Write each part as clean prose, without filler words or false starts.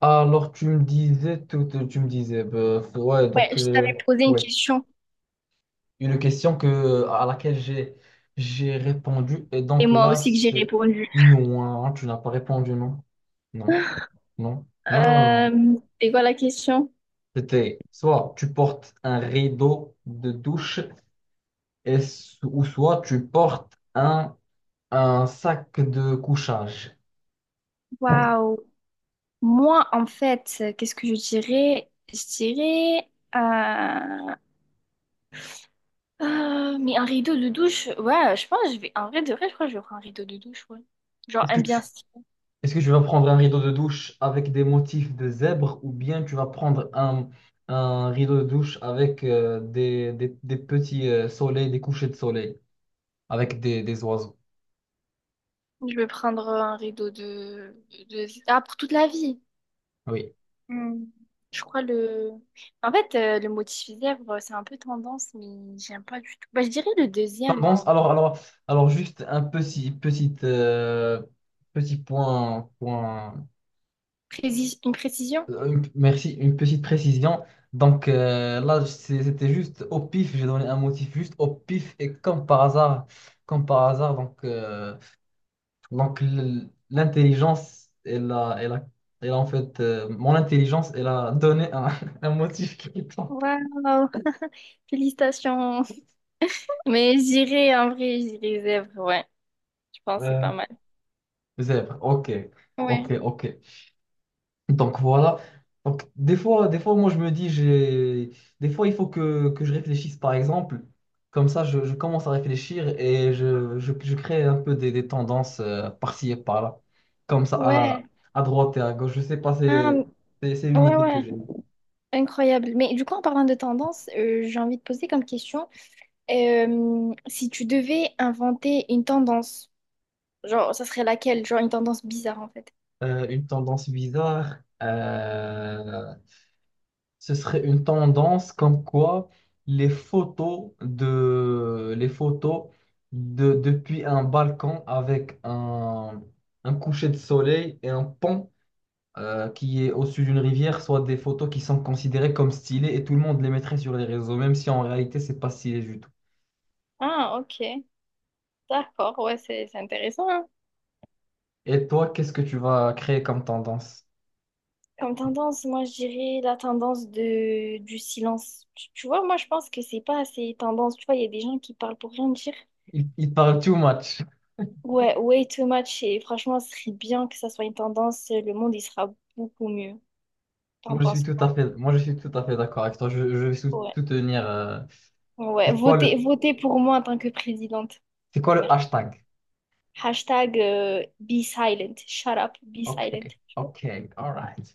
Alors, tu me disais, tout, tu me disais, Ouais, je t'avais posé une question une question que, à laquelle j'ai répondu, et et donc moi là, aussi que j'ai c'est répondu. non, hein, tu n'as pas répondu, non, non, non, non, non, non, non. Euh, c'est quoi la question? C'était soit tu portes un rideau de douche, ou soit tu portes un sac de couchage. Waouh. Moi, en fait, qu'est-ce que je dirais? Je dirais. euh, mais un rideau de douche, ouais, je pense que je vais. En vrai, de vrai, je crois que je vais prendre un rideau de douche, ouais. Genre, Est-ce un que bien tu, stylé. Est-ce que tu vas prendre un rideau de douche avec des motifs de zèbre ou bien tu vas prendre un rideau de douche avec des petits soleils, des couchers de soleil, avec des oiseaux? Je vais prendre un rideau de... Ah, pour toute la vie. Oui. Hmm. Je crois le. En fait, le motif lèvres, c'est un peu tendance, mais j'aime pas du tout. Bah, je dirais le deuxième, Tendance, en alors juste un petit point une précision? Merci, une petite précision. Donc là, c'était juste au pif, j'ai donné un motif juste au pif et comme par hasard, donc, l'intelligence, elle a en fait, mon intelligence, elle a donné un, un motif qui me tente. Waouh, félicitations. Mais j'irai en vrai, j'irai zèbre, ouais. Je pense que c'est Euh, pas mal. zèbre, ok, ok, Ouais, ok. Donc, voilà. Donc, des fois, moi, je me dis, j'ai... Des fois, il faut que je réfléchisse, par exemple. Comme ça, je commence à réfléchir et je crée un peu des tendances par-ci et par-là. Comme ça, ouais. à, à droite et à gauche. Je sais pas, Ah, c'est une ouais, idée que ouais, j'ai. incroyable. Mais du coup, en parlant de tendance, j'ai envie de poser comme question, si tu devais inventer une tendance, genre, ça serait laquelle? Genre, une tendance bizarre, en fait. Une tendance bizarre, euh, ce serait une tendance comme quoi les photos de depuis un balcon avec un coucher de soleil et un pont qui est au-dessus d'une rivière soient des photos qui sont considérées comme stylées et tout le monde les mettrait sur les réseaux, même si en réalité c'est pas stylé du tout. Ah, ok. D'accord, ouais, c'est intéressant, hein. Et toi, qu'est-ce que tu vas créer comme tendance? Comme tendance, moi, je dirais la tendance de, du silence. Tu vois, moi, je pense que c'est pas assez tendance. Tu vois, il y a des gens qui parlent pour rien dire. Il parle too much. Ouais, way too much. Et franchement, ce serait bien que ça soit une tendance. Le monde, il sera beaucoup mieux. T'en Moi, je suis penses tout à fait, moi, je suis tout à fait d'accord avec toi. Je vais quoi? Ouais. soutenir. Ouais, c'est quoi votez, le, votez pour moi en tant que présidente. c'est quoi le Merci. hashtag? Hashtag be silent. Shut up, be Ok, silent. ok, alright.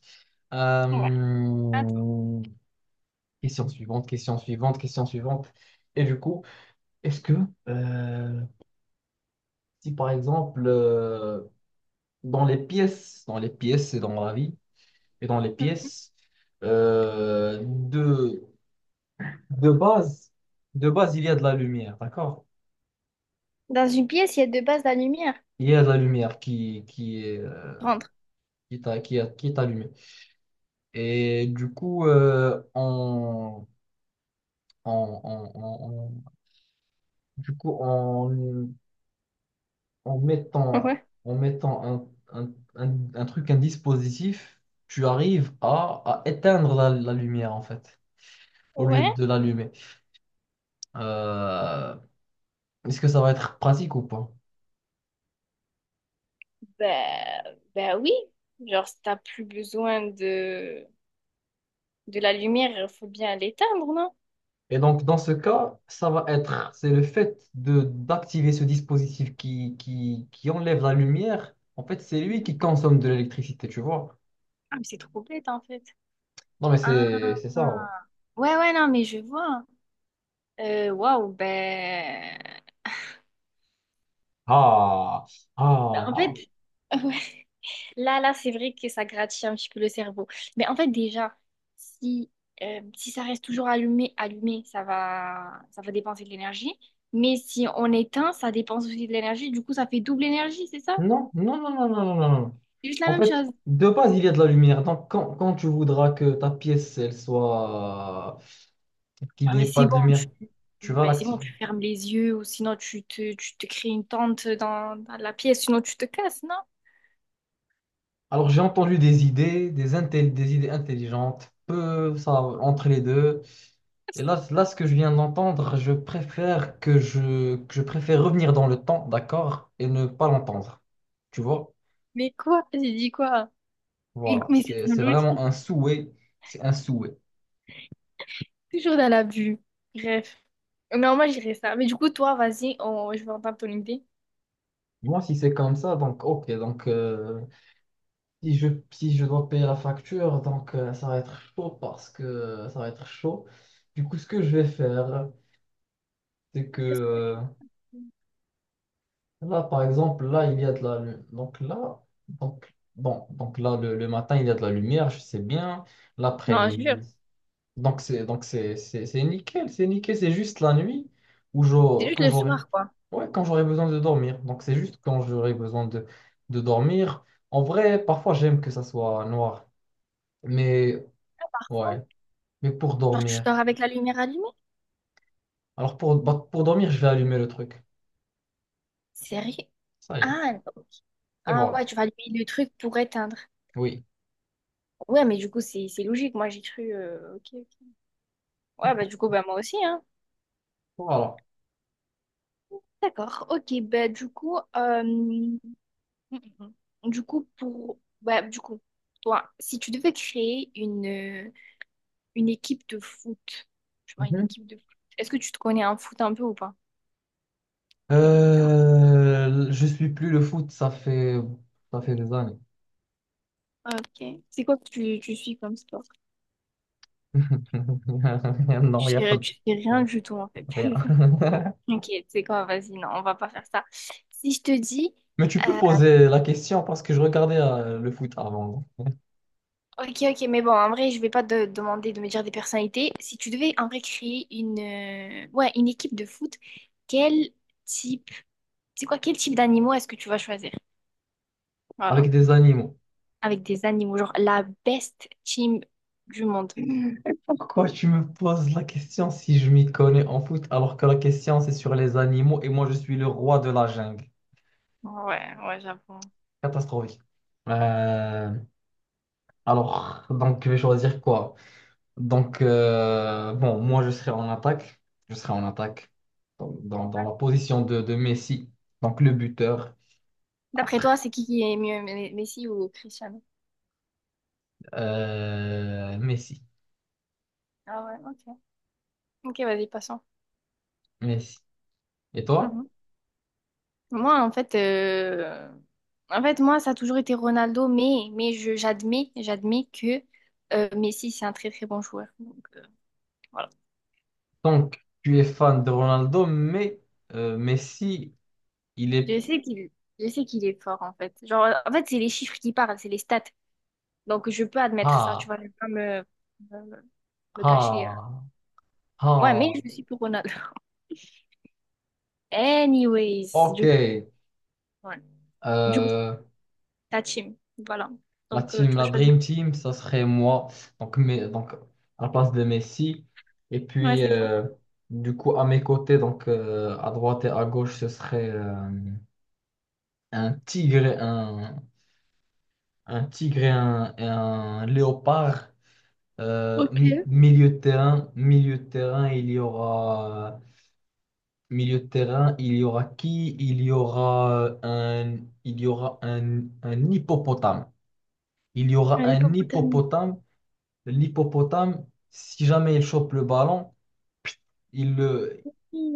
Ouais. Attends. Euh, Question suivante, question suivante, question suivante. Et du coup, est-ce que, euh, si par exemple, dans les pièces et dans la vie, et dans les pièces, euh, de, de base, de base, il y a de la lumière, d'accord? Dans une pièce, il y a deux bases de la lumière. Il y a de la lumière qui est. Rentre. qui t'a qui a- qui est allumé. Et du coup, on- on- on- on- du coup, en mettant, Ouais. en mettant un truc, un dispositif, tu arrives à éteindre la lumière, en fait, au lieu Ouais. de l'allumer. Euh, Est-ce que ça va être pratique ou pas? Ben, ben oui, genre si t'as plus besoin de la lumière, il faut bien l'éteindre, non? Et donc, dans ce cas, ça va être, c'est le fait de d'activer ce dispositif qui enlève la lumière. En fait, c'est lui qui consomme de l'électricité, tu vois. Ah, mais c'est trop bête en fait. Non, mais Ah, c'est ça. Ouais. ouais, ouais, non, mais je vois. Waouh, ben... Ah, ben... En fait, ah. ouais. Là, là, c'est vrai que ça gratifie un petit peu le cerveau. Mais en fait, déjà, si, si ça reste toujours allumé, allumé, ça va dépenser de l'énergie. Mais si on éteint, ça dépense aussi de l'énergie. Du coup, ça fait double énergie, c'est ça? Non, non, non, non, non, non, non. Non. C'est juste la En même fait, chose. de base, il y a de la lumière. Donc, quand tu voudras que ta pièce, elle soit... qu'il Ah, n'y mais ait c'est pas de lumière, tu vas Ben c'est bon, l'activer. tu fermes les yeux ou sinon tu te crées une tente dans, dans la pièce, sinon tu te casses, non? Alors, j'ai entendu des idées, des idées intelligentes, peu ça, entre les deux. Et là, ce que je viens d'entendre, je préfère que je préfère revenir dans le temps, d'accord, et ne pas l'entendre. Tu vois? Mais quoi? J'ai dit quoi? Mais, Voilà, mais c'est c'est une c'est logique, vraiment un souhait. C'est un souhait. toujours dans l'abus. Bref, non, moi j'irais ça. Mais du coup, toi, vas-y, on- je vais entendre ton idée. Moi, si c'est comme ça, donc ok, donc si je dois payer la facture, donc ça va être chaud parce que ça va être chaud. Du coup, ce que je vais faire, c'est que Qu'est-ce que euh, tu... fais? là, par exemple, là, il y a de la lumière. Donc là, le matin, il y a de la lumière, je sais bien. Non, je L'après-midi, jure, c'est nickel, c'est nickel, c'est juste la nuit c'est juste quand le j'aurai soir, quoi. ouais, quand j'aurai besoin de dormir. Donc c'est juste quand j'aurai besoin de dormir. En vrai, parfois j'aime que ça soit noir, mais ouais, mais pour Genre, tu dormir. dors avec la lumière allumée? Alors pour dormir, je vais allumer le truc. Sérieux? Ça y est. Ah, ok. Et Ah ouais, voilà. tu vas allumer le truc pour éteindre. Oui. Ouais, mais du coup, c'est logique. Moi, j'ai cru... ok, ok. Ouais, bah du coup, bah moi aussi, hein. Voilà. D'accord, ok, bah du coup, pour, bah du coup, toi, si tu devais créer une équipe de foot, tu vois, une Mhm. équipe de foot, est-ce que tu te connais en foot un peu ou pas? Bien évidemment. Je suis plus le foot, ça fait des années. Ok, c'est quoi que tu suis comme sport? Non, il Tu y a pas fais, de... tu fais rien Non, du tout en fait. rien. Ok, c'est quoi, vas-y, non, on va pas faire ça. Si je te dis Mais tu peux euh, poser la question parce que je regardais le foot avant, ok, ok, mais bon, en vrai, je vais pas te demander de me dire des personnalités. Si tu devais en vrai créer une, ouais, une équipe de foot, quel type, quel type d'animaux est-ce que tu vas choisir? avec Voilà. des animaux. Avec des animaux, genre la best team du monde. Pourquoi tu me poses la question si je m'y connais en foot alors que la question c'est sur les animaux et moi je suis le roi de la jungle? Ouais, ouais, j'avoue. Catastrophique. Euh, alors, donc je vais choisir quoi? Donc, bon, moi je serai en attaque. Je serai en attaque dans la position de Messi, donc le buteur. D'après toi, c'est qui est mieux, Messi ou Cristiano? Messi, Ah ouais, ok. Ok, vas-y, passons. Messi. Et toi? Mhm. Moi, en fait, moi, ça a toujours été Ronaldo, mais j'admets, j'admets que Messi, c'est un très très bon joueur. Donc, voilà. Donc, tu es fan de Ronaldo, mais Messi, il est... Je sais qu'il, je sais qu'il est fort, en fait. Genre, en fait, c'est les chiffres qui parlent, c'est les stats. Donc, je peux admettre ça, tu Ah, vois, je vais pas me, me cacher. Ah, Ouais, mais ah. je suis pour Ronaldo. Anyways, Ok. du coup, ouais. Du coup, Euh, ta team. Voilà. la Donc, team, tu vas la choisir. Dream Team, ça serait moi. Donc à la place de Messi. Et Ouais, puis, c'est toi. Du coup, à mes côtés, donc à droite et à gauche, ce serait un tigre, un tigre et un léopard. Ok. Milieu de terrain, il y aura... Milieu de terrain, il y aura qui? Il y aura il y aura un hippopotame. Il y aura Un un hippopotame. hippopotame. L'hippopotame, si jamais il chope le ballon, il le,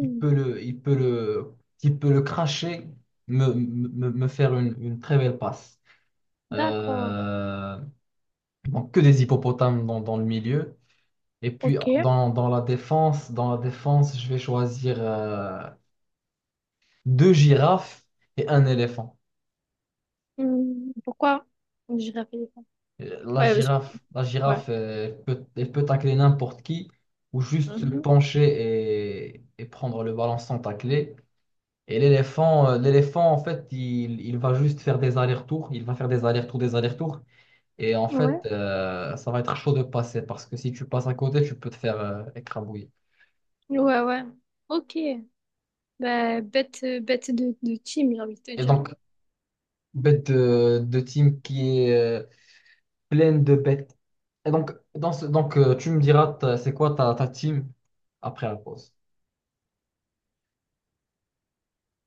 il peut le, il peut le, il peut le cracher, me faire une très belle passe. d'accord. Euh, donc que des hippopotames dans le milieu. Et puis Ok. Dans la défense, je vais choisir deux girafes et un éléphant. Hmm, pourquoi? Je réfléchis. Ouais, La ouais. girafe, elle peut tacler n'importe qui ou juste se Mhm. pencher et prendre le ballon sans tacler. Et l'éléphant, l'éléphant, en fait, il va juste faire des allers-retours. Il va faire des allers-retours, des allers-retours. Et en fait, Ouais, ça va être chaud de passer parce que si tu passes à côté, tu peux te faire écrabouiller. ouais, ouais. Ok. Bah, bête, bête de team, j'ai envie de te Et dire. donc, de team qui est pleine de bêtes. Et donc, tu me diras, c'est quoi ta team après la pause?